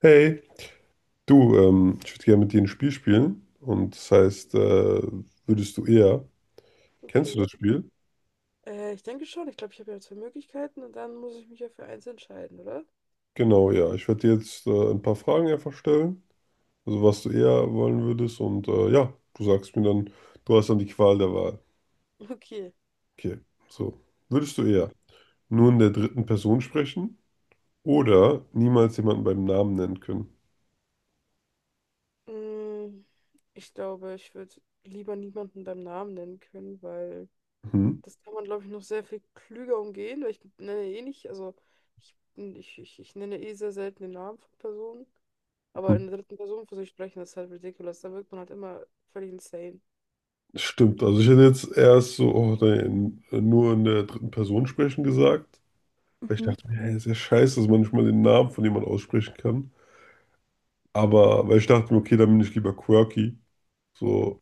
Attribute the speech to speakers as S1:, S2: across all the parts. S1: Hey, du, ich würde gerne mit dir ein Spiel spielen. Und das heißt, würdest du eher. Kennst du
S2: Okay.
S1: das Spiel?
S2: Ich denke schon. Ich glaube, ich habe ja zwei Möglichkeiten und dann muss ich mich ja für eins entscheiden, oder?
S1: Genau, ja. Ich werde dir jetzt ein paar Fragen einfach stellen. Also, was du eher wollen würdest. Und ja, du sagst mir dann, du hast dann die Qual der Wahl.
S2: Okay.
S1: Okay, so. Würdest du eher nur in der dritten Person sprechen oder niemals jemanden beim Namen nennen können?
S2: Mm, ich glaube, ich würde lieber niemanden beim Namen nennen können, weil
S1: Mhm.
S2: das kann man, glaube ich, noch sehr viel klüger umgehen, weil ich nenne eh nicht, also ich nenne eh sehr selten den Namen von Personen, aber
S1: Mhm.
S2: in der dritten Person für sich sprechen, das ist halt ridiculous. Da wirkt man halt immer völlig insane.
S1: Stimmt, also ich hätte jetzt erst so, oh, nein, nur in der dritten Person sprechen gesagt. Weil ich
S2: Mhm.
S1: dachte mir, hey, ist ja scheiße, dass man nicht mal den Namen von jemandem aussprechen kann. Aber, weil ich dachte mir, okay, dann bin ich lieber quirky. So,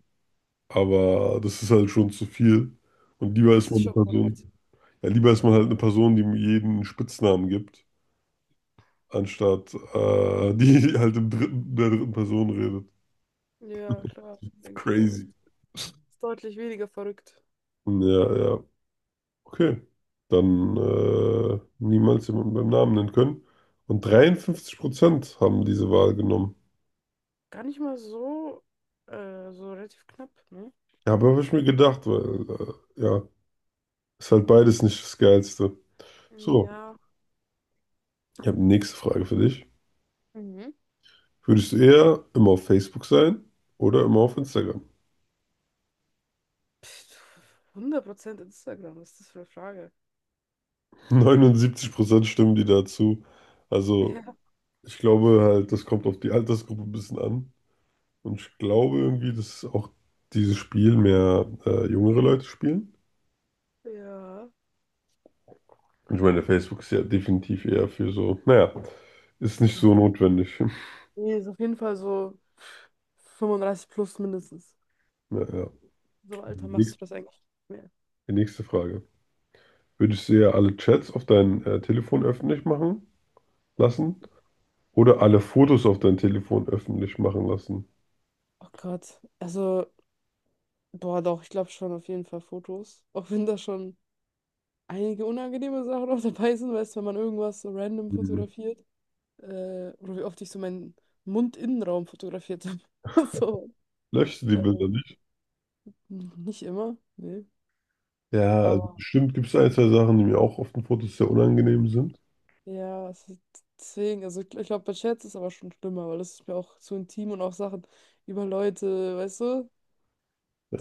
S1: aber das ist halt schon zu viel. Und lieber ist
S2: Das
S1: man
S2: ist
S1: eine
S2: schon verrückt.
S1: Person, ja, lieber ist
S2: Ja.
S1: man halt eine Person, die mir jeden Spitznamen gibt, anstatt die halt der dritten Person redet.
S2: Ja, klar, denke ich auch.
S1: Crazy.
S2: Ist deutlich weniger verrückt.
S1: Ja, ja. Okay. Dann niemals jemanden beim Namen nennen können. Und 53% haben diese Wahl genommen.
S2: Gar nicht mal so, so relativ knapp, ne?
S1: Ja, aber habe ich mir gedacht, weil, ja, ist halt beides nicht das Geilste. So,
S2: Ja.
S1: ich habe die nächste Frage für dich.
S2: Mhm.
S1: Würdest du eher immer auf Facebook sein oder immer auf Instagram?
S2: Pff, 100% Instagram, was ist das für eine Frage?
S1: 79% stimmen die dazu. Also,
S2: Ja,
S1: ich glaube halt, das kommt auf die Altersgruppe ein bisschen an. Und ich glaube irgendwie, dass auch dieses Spiel mehr jüngere Leute spielen.
S2: ja.
S1: Und ich meine, Facebook ist ja definitiv eher für so, naja, ist nicht so notwendig.
S2: Nee, ist auf jeden Fall so 35 plus mindestens.
S1: Naja,
S2: So im Alter
S1: die
S2: machst du
S1: nächste
S2: das eigentlich nicht mehr.
S1: die nächste Frage. Würdest du ja alle Chats auf dein Telefon öffentlich machen lassen oder alle Fotos auf dein Telefon öffentlich machen lassen?
S2: Oh Gott. Also, boah, doch, ich glaube schon auf jeden Fall Fotos. Auch wenn da schon einige unangenehme Sachen auch dabei sind, weißt du, wenn man irgendwas so random
S1: Hm.
S2: fotografiert. Oder wie oft ich so meinen Mundinnenraum fotografiert habe. So.
S1: Löschst du die
S2: Äh,
S1: Bilder nicht?
S2: nicht immer, nee.
S1: Ja, also
S2: Aber
S1: bestimmt gibt es ein, zwei Sachen, die mir auch auf den Fotos sehr unangenehm sind.
S2: ja, es ist, deswegen, also ich glaube, bei Chats ist aber schon schlimmer, weil das ist mir auch zu intim und auch Sachen über Leute, weißt du,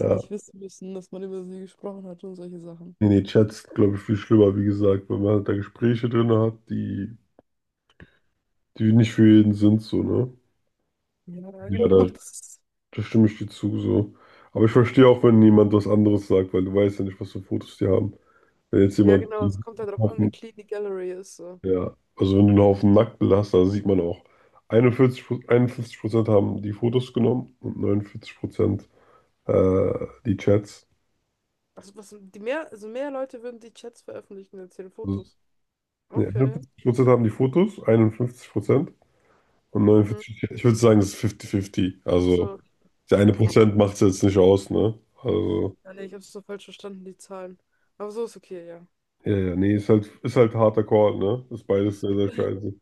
S2: die nicht wissen müssen, dass man über sie gesprochen hat und solche Sachen.
S1: nee, nee, Chats, glaube ich, viel schlimmer, wie gesagt, weil man halt da Gespräche drin hat, die, die nicht für jeden sind, so, ne?
S2: Ja,
S1: Ja,
S2: genau,
S1: da,
S2: das ist,
S1: da stimme ich dir zu, so. Aber ich verstehe auch, wenn jemand was anderes sagt, weil du weißt ja nicht, was für Fotos die haben. Wenn jetzt
S2: ja,
S1: jemand.
S2: genau, es kommt halt darauf an, wie clean die Gallery ist. So.
S1: Ja, also wenn du einen Haufen Nacktbilder hast, da sieht man auch, 41, 51% haben die Fotos genommen und 49% die Chats.
S2: Also, was, die mehr, also mehr Leute würden die Chats veröffentlichen als ihre
S1: Also,
S2: Fotos.
S1: nee,
S2: Okay.
S1: 51% haben die Fotos, 51% und
S2: Mhm.
S1: 49 die. Ich würde sagen, es ist 50-50.
S2: Ach
S1: Also
S2: so,
S1: der eine
S2: ja, gut.
S1: Prozent macht es jetzt nicht aus, ne? Also,
S2: Ja, nee, ich habe es so falsch verstanden, die Zahlen. Aber so ist okay, ja.
S1: ja, ja, nee, ist halt harter Call, ne? Ist beides sehr, sehr scheiße.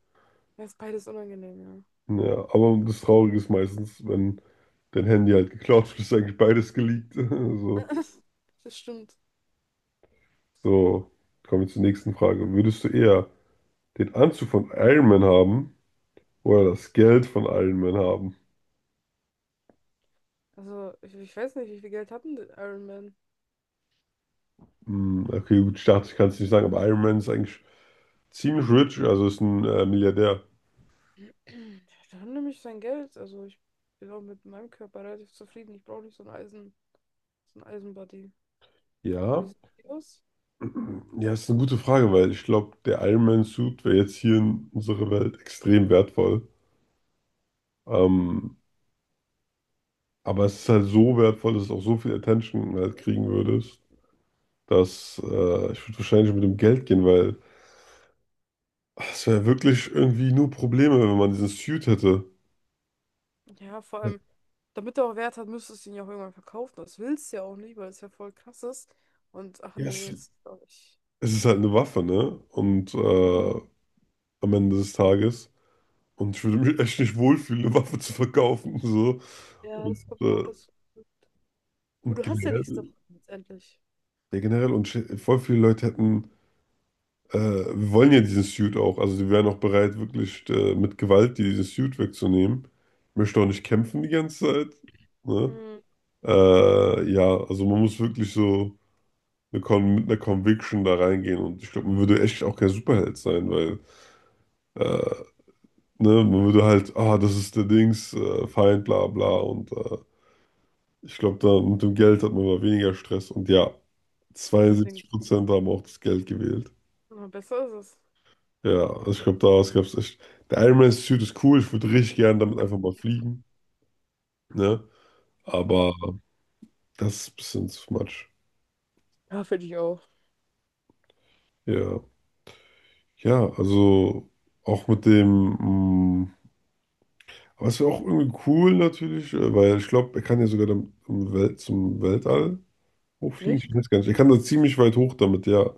S2: Ja, ist beides unangenehm, ja.
S1: Ja, aber das Traurige ist meistens, wenn dein Handy halt geklaut wird, ist eigentlich beides geleakt. So.
S2: Das stimmt.
S1: So, kommen wir zur nächsten Frage. Würdest du eher den Anzug von Iron Man haben oder das Geld von Iron Man haben?
S2: Also, ich weiß nicht, wie viel Geld hatten denn der Iron Man?
S1: Hm, okay, gut, ich dachte, ich kann es nicht sagen, aber Iron Man ist eigentlich ziemlich rich, also ist ein Milliardär.
S2: Der hat nämlich sein Geld. Also, ich bin auch mit meinem Körper relativ zufrieden. Ich brauche nicht so ein Eisen, so ein Eisenbody. Wie
S1: Ja,
S2: sieht die aus?
S1: ja, ist eine gute Frage, weil ich glaube, der Iron Man Suit wäre jetzt hier in unserer Welt extrem wertvoll. Ähm, aber es ist halt so wertvoll, dass es auch so viel Attention halt kriegen würdest, dass ich würde wahrscheinlich mit dem Geld gehen, weil das wäre wirklich irgendwie nur Probleme, wenn man diesen Suit hätte.
S2: Ja, vor allem, damit er auch Wert hat, müsstest du ihn ja auch irgendwann verkaufen. Das willst du ja auch nicht, weil es ja voll krass ist. Und, ach
S1: Yes.
S2: nee,
S1: Es,
S2: ist auch nicht.
S1: ist halt eine Waffe, ne? Und am Ende des Tages. Und ich würde mich echt nicht wohlfühlen, eine Waffe zu verkaufen. So.
S2: Ja,
S1: Und,
S2: das kommt auch
S1: äh,
S2: dazu. Und
S1: und
S2: du hast ja nichts
S1: generell,
S2: davon, letztendlich.
S1: ja, generell, voll viele Leute hätten, wir wollen ja diesen Suit auch. Also die wären auch bereit, wirklich mit Gewalt dir diesen Suit wegzunehmen. Ich möchte auch nicht kämpfen die ganze Zeit. Ne?
S2: Mhm.
S1: Ja, also man muss wirklich so. Eine Con mit einer Conviction da reingehen und ich glaube, man würde echt auch kein Superheld sein, weil äh, ne, man würde halt, ah, das ist der Dings, Feind, bla bla und ich glaube, da mit dem Geld hat man mal weniger Stress und ja,
S2: Dann denke ich,
S1: 72% haben auch das Geld gewählt.
S2: na, besser ist es.
S1: Ja, also ich glaube, daraus gab es echt. Der Iron Man Suit ist cool, ich würde richtig gern damit einfach mal fliegen, ne?
S2: Ja,
S1: Aber das ist ein bisschen too much.
S2: ja finde ich auch.
S1: Ja, ja, also auch mit dem. mm, Aber es wäre auch irgendwie cool natürlich, weil ich glaube, er kann ja sogar dann zum Weltall hochfliegen.
S2: Nicht?
S1: Ich weiß gar nicht. Er kann da ziemlich weit hoch damit, ja.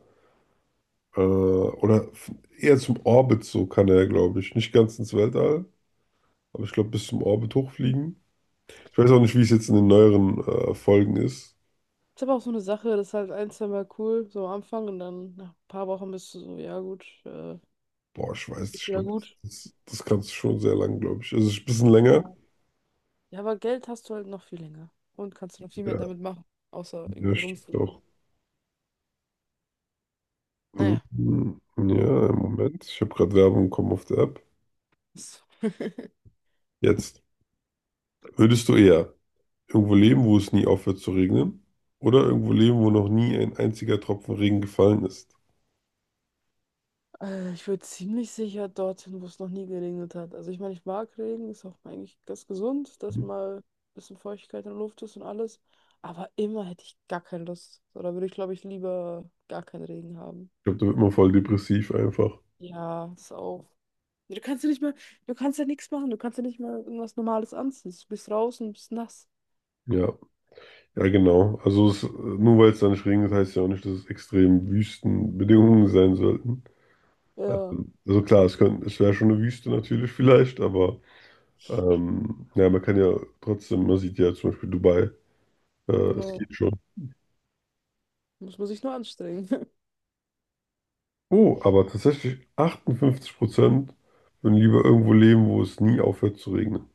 S1: Oder eher zum Orbit so kann er, glaube ich. Nicht ganz ins Weltall, aber ich glaube bis zum Orbit hochfliegen. Ich weiß auch nicht, wie es jetzt in den neueren Folgen ist.
S2: Ist aber auch so eine Sache, das ist halt ein, zwei Mal cool, so am Anfang und dann nach ein paar Wochen bist du so, ja gut,
S1: Boah, ich weiß
S2: ist
S1: nicht,
S2: jetzt
S1: ich
S2: wieder
S1: glaube,
S2: gut.
S1: das kannst du schon sehr lang, glaube ich. Also ein bisschen länger.
S2: Ja. Ja, aber Geld hast du halt noch viel länger und kannst du noch viel mehr
S1: Ja,
S2: damit machen, außer
S1: ja,
S2: irgendwie
S1: stimmt
S2: rumfliegen.
S1: auch. Mhm.
S2: Naja.
S1: Mhm. Ja, im Moment. Ich habe gerade Werbung bekommen auf der App.
S2: Ist.
S1: Jetzt würdest du eher. Irgendwo leben, wo es nie aufhört zu regnen. Oder irgendwo leben, wo noch nie ein einziger Tropfen Regen gefallen ist.
S2: Ich würde ziemlich sicher dorthin, wo es noch nie geregnet hat. Also ich meine, ich mag Regen, ist auch eigentlich ganz gesund, dass
S1: Ich
S2: mal ein bisschen Feuchtigkeit in der Luft ist und alles. Aber immer hätte ich gar keine Lust. So, da würde ich, glaube ich, lieber gar keinen Regen haben.
S1: glaube, da wird man voll depressiv einfach.
S2: Ja, ist auch. Du kannst ja nicht mal, du kannst ja nichts machen, du kannst ja nicht mal irgendwas Normales anziehen. Du bist raus und bist nass.
S1: Ja, ja, genau. Also es, nur weil es da nicht regnet, heißt ja auch nicht, dass es extrem Wüstenbedingungen sein sollten.
S2: Ja,
S1: Also klar, es könnte, es wäre schon eine Wüste natürlich vielleicht, aber ja, man kann ja trotzdem, man sieht ja zum Beispiel Dubai, äh, es
S2: genau.
S1: geht schon.
S2: Muss man sich nur anstrengen.
S1: Oh, aber tatsächlich 58% würden lieber irgendwo leben, wo es nie aufhört zu regnen.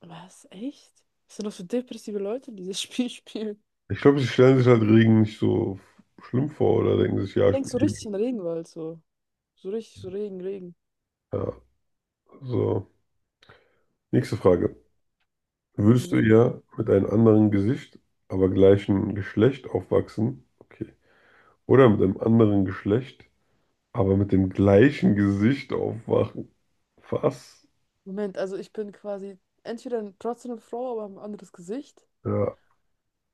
S2: Was? Echt? Was sind das für depressive Leute, die das Spiel spielen?
S1: Ich glaube, sie stellen sich halt Regen nicht so schlimm vor oder denken sich, ja, ich
S2: Denkst so
S1: bin eh.
S2: richtig in den Regenwald, so. So richtig, so Regen, Regen.
S1: Ja, so. Nächste Frage. Würdest du
S2: Mhm.
S1: eher mit einem anderen Gesicht, aber gleichen Geschlecht aufwachsen? Okay. Oder mit einem anderen Geschlecht, aber mit dem gleichen Gesicht aufwachen? Was?
S2: Moment, also ich bin quasi entweder trotzdem eine Frau, aber ein anderes Gesicht.
S1: Ja.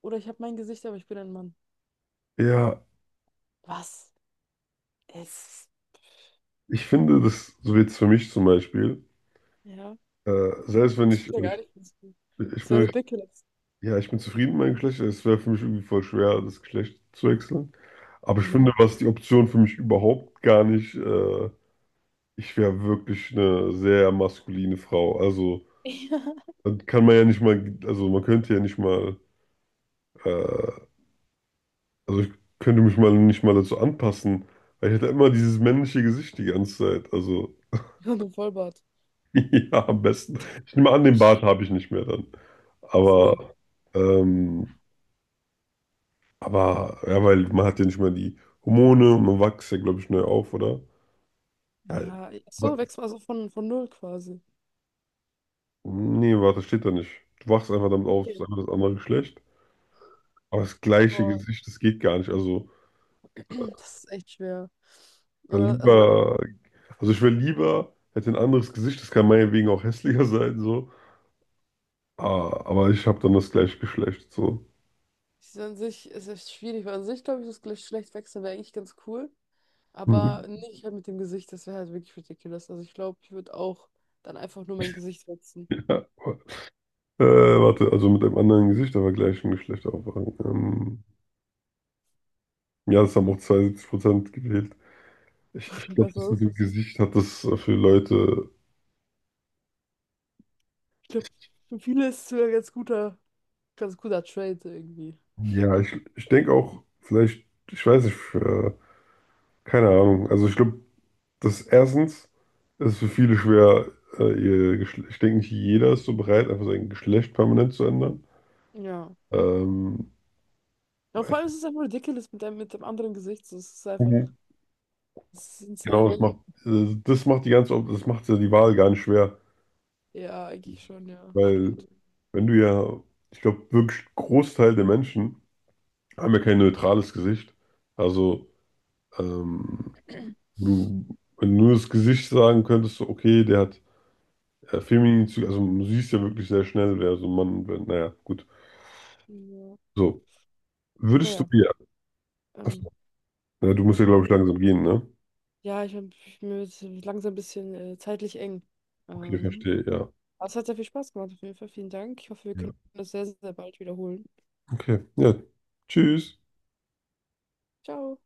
S2: Oder ich habe mein Gesicht, aber ich bin ein Mann.
S1: Ja,
S2: Was? Es.
S1: ich finde das, so jetzt für mich zum Beispiel,
S2: Ja.
S1: selbst wenn
S2: Das
S1: ich, also
S2: wäre gar
S1: ich,
S2: nicht.
S1: ich
S2: Das wäre
S1: bin,
S2: ridiculous.
S1: ja, ich bin zufrieden mit meinem Geschlecht, es wäre für mich irgendwie voll schwer, das Geschlecht zu wechseln. Aber ich finde,
S2: Mhm.
S1: was die Option für mich überhaupt gar nicht, ich wäre wirklich eine sehr maskuline Frau. Also, dann kann man ja nicht mal, also man könnte ja nicht mal, äh, also ich könnte mich mal nicht mal dazu anpassen, weil ich hätte immer dieses männliche Gesicht die ganze Zeit. Also,
S2: Ja. Und ein Vollbart.
S1: ja, am besten. Ich nehme an, den Bart habe ich nicht mehr dann.
S2: Achso.
S1: Aber, ähm, aber, ja, weil man hat ja nicht mal die Hormone und man wächst ja, glaube ich, neu auf, oder?
S2: Ja, ach
S1: Ja,
S2: so wächst man also von null quasi.
S1: nee, warte, steht da nicht. Du wachst einfach damit auf, es ist
S2: Okay.
S1: einfach das andere Geschlecht. Aber das gleiche
S2: Boah.
S1: Gesicht, das geht gar nicht. Also,
S2: Das ist echt schwer. Äh,
S1: dann
S2: Also,
S1: lieber, also ich wäre lieber, hätte ein anderes Gesicht, das kann meinetwegen auch hässlicher sein, so. Ah, aber ich habe dann das gleiche Geschlecht, so.
S2: es ist an sich es ist schwierig, weil an sich glaube ich, das Geschlecht wechseln wäre eigentlich ganz cool.
S1: Mhm.
S2: Aber nicht halt mit dem Gesicht, das wäre halt wirklich ridiculous. Also, ich glaube, ich würde auch dann einfach nur mein Gesicht wechseln.
S1: Ja. Warte, also mit einem anderen Gesicht, aber gleichem Geschlecht aufwachen. Ja, das haben auch 72% gewählt. Ich glaube, das
S2: Besser
S1: mit
S2: ist
S1: dem
S2: es.
S1: Gesicht hat das für Leute.
S2: Ich glaube, für viele ist es sogar ein ganz guter Trade irgendwie.
S1: Ja, ich denke auch, vielleicht, ich weiß nicht, keine Ahnung. Also ich glaube, das erstens ist für viele schwer, ich denke nicht jeder ist so bereit, einfach sein Geschlecht permanent zu ändern.
S2: Ja.
S1: Ähm,
S2: Ja, und vor allem ist es einfach ridiculous mit dem anderen Gesicht. So, es ist einfach,
S1: Mhm.
S2: es ist
S1: Genau,
S2: insane.
S1: das macht ja die Wahl gar nicht schwer,
S2: Ja, eigentlich schon, ja,
S1: weil
S2: stimmt.
S1: wenn du ja, ich glaube, wirklich Großteil der Menschen haben ja kein neutrales Gesicht. Also ähm, du, wenn du nur das Gesicht sagen könntest, so, okay, der hat feminin, Züge, also du siehst ja wirklich sehr schnell, wer so ein Mann, und naja, gut.
S2: Ja.
S1: So. Würdest du
S2: Naja,
S1: dir,
S2: ähm,
S1: achso, ja, du musst ja, glaube ich, langsam gehen, ne?
S2: ja, ich bin mir wird's langsam ein bisschen zeitlich eng.
S1: Okay,
S2: Ähm,
S1: verstehe, ja.
S2: aber es hat sehr viel Spaß gemacht, auf jeden Fall. Vielen Dank. Ich hoffe, wir
S1: Ja.
S2: können das sehr, sehr bald wiederholen.
S1: Okay, ja. Tschüss.
S2: Ciao.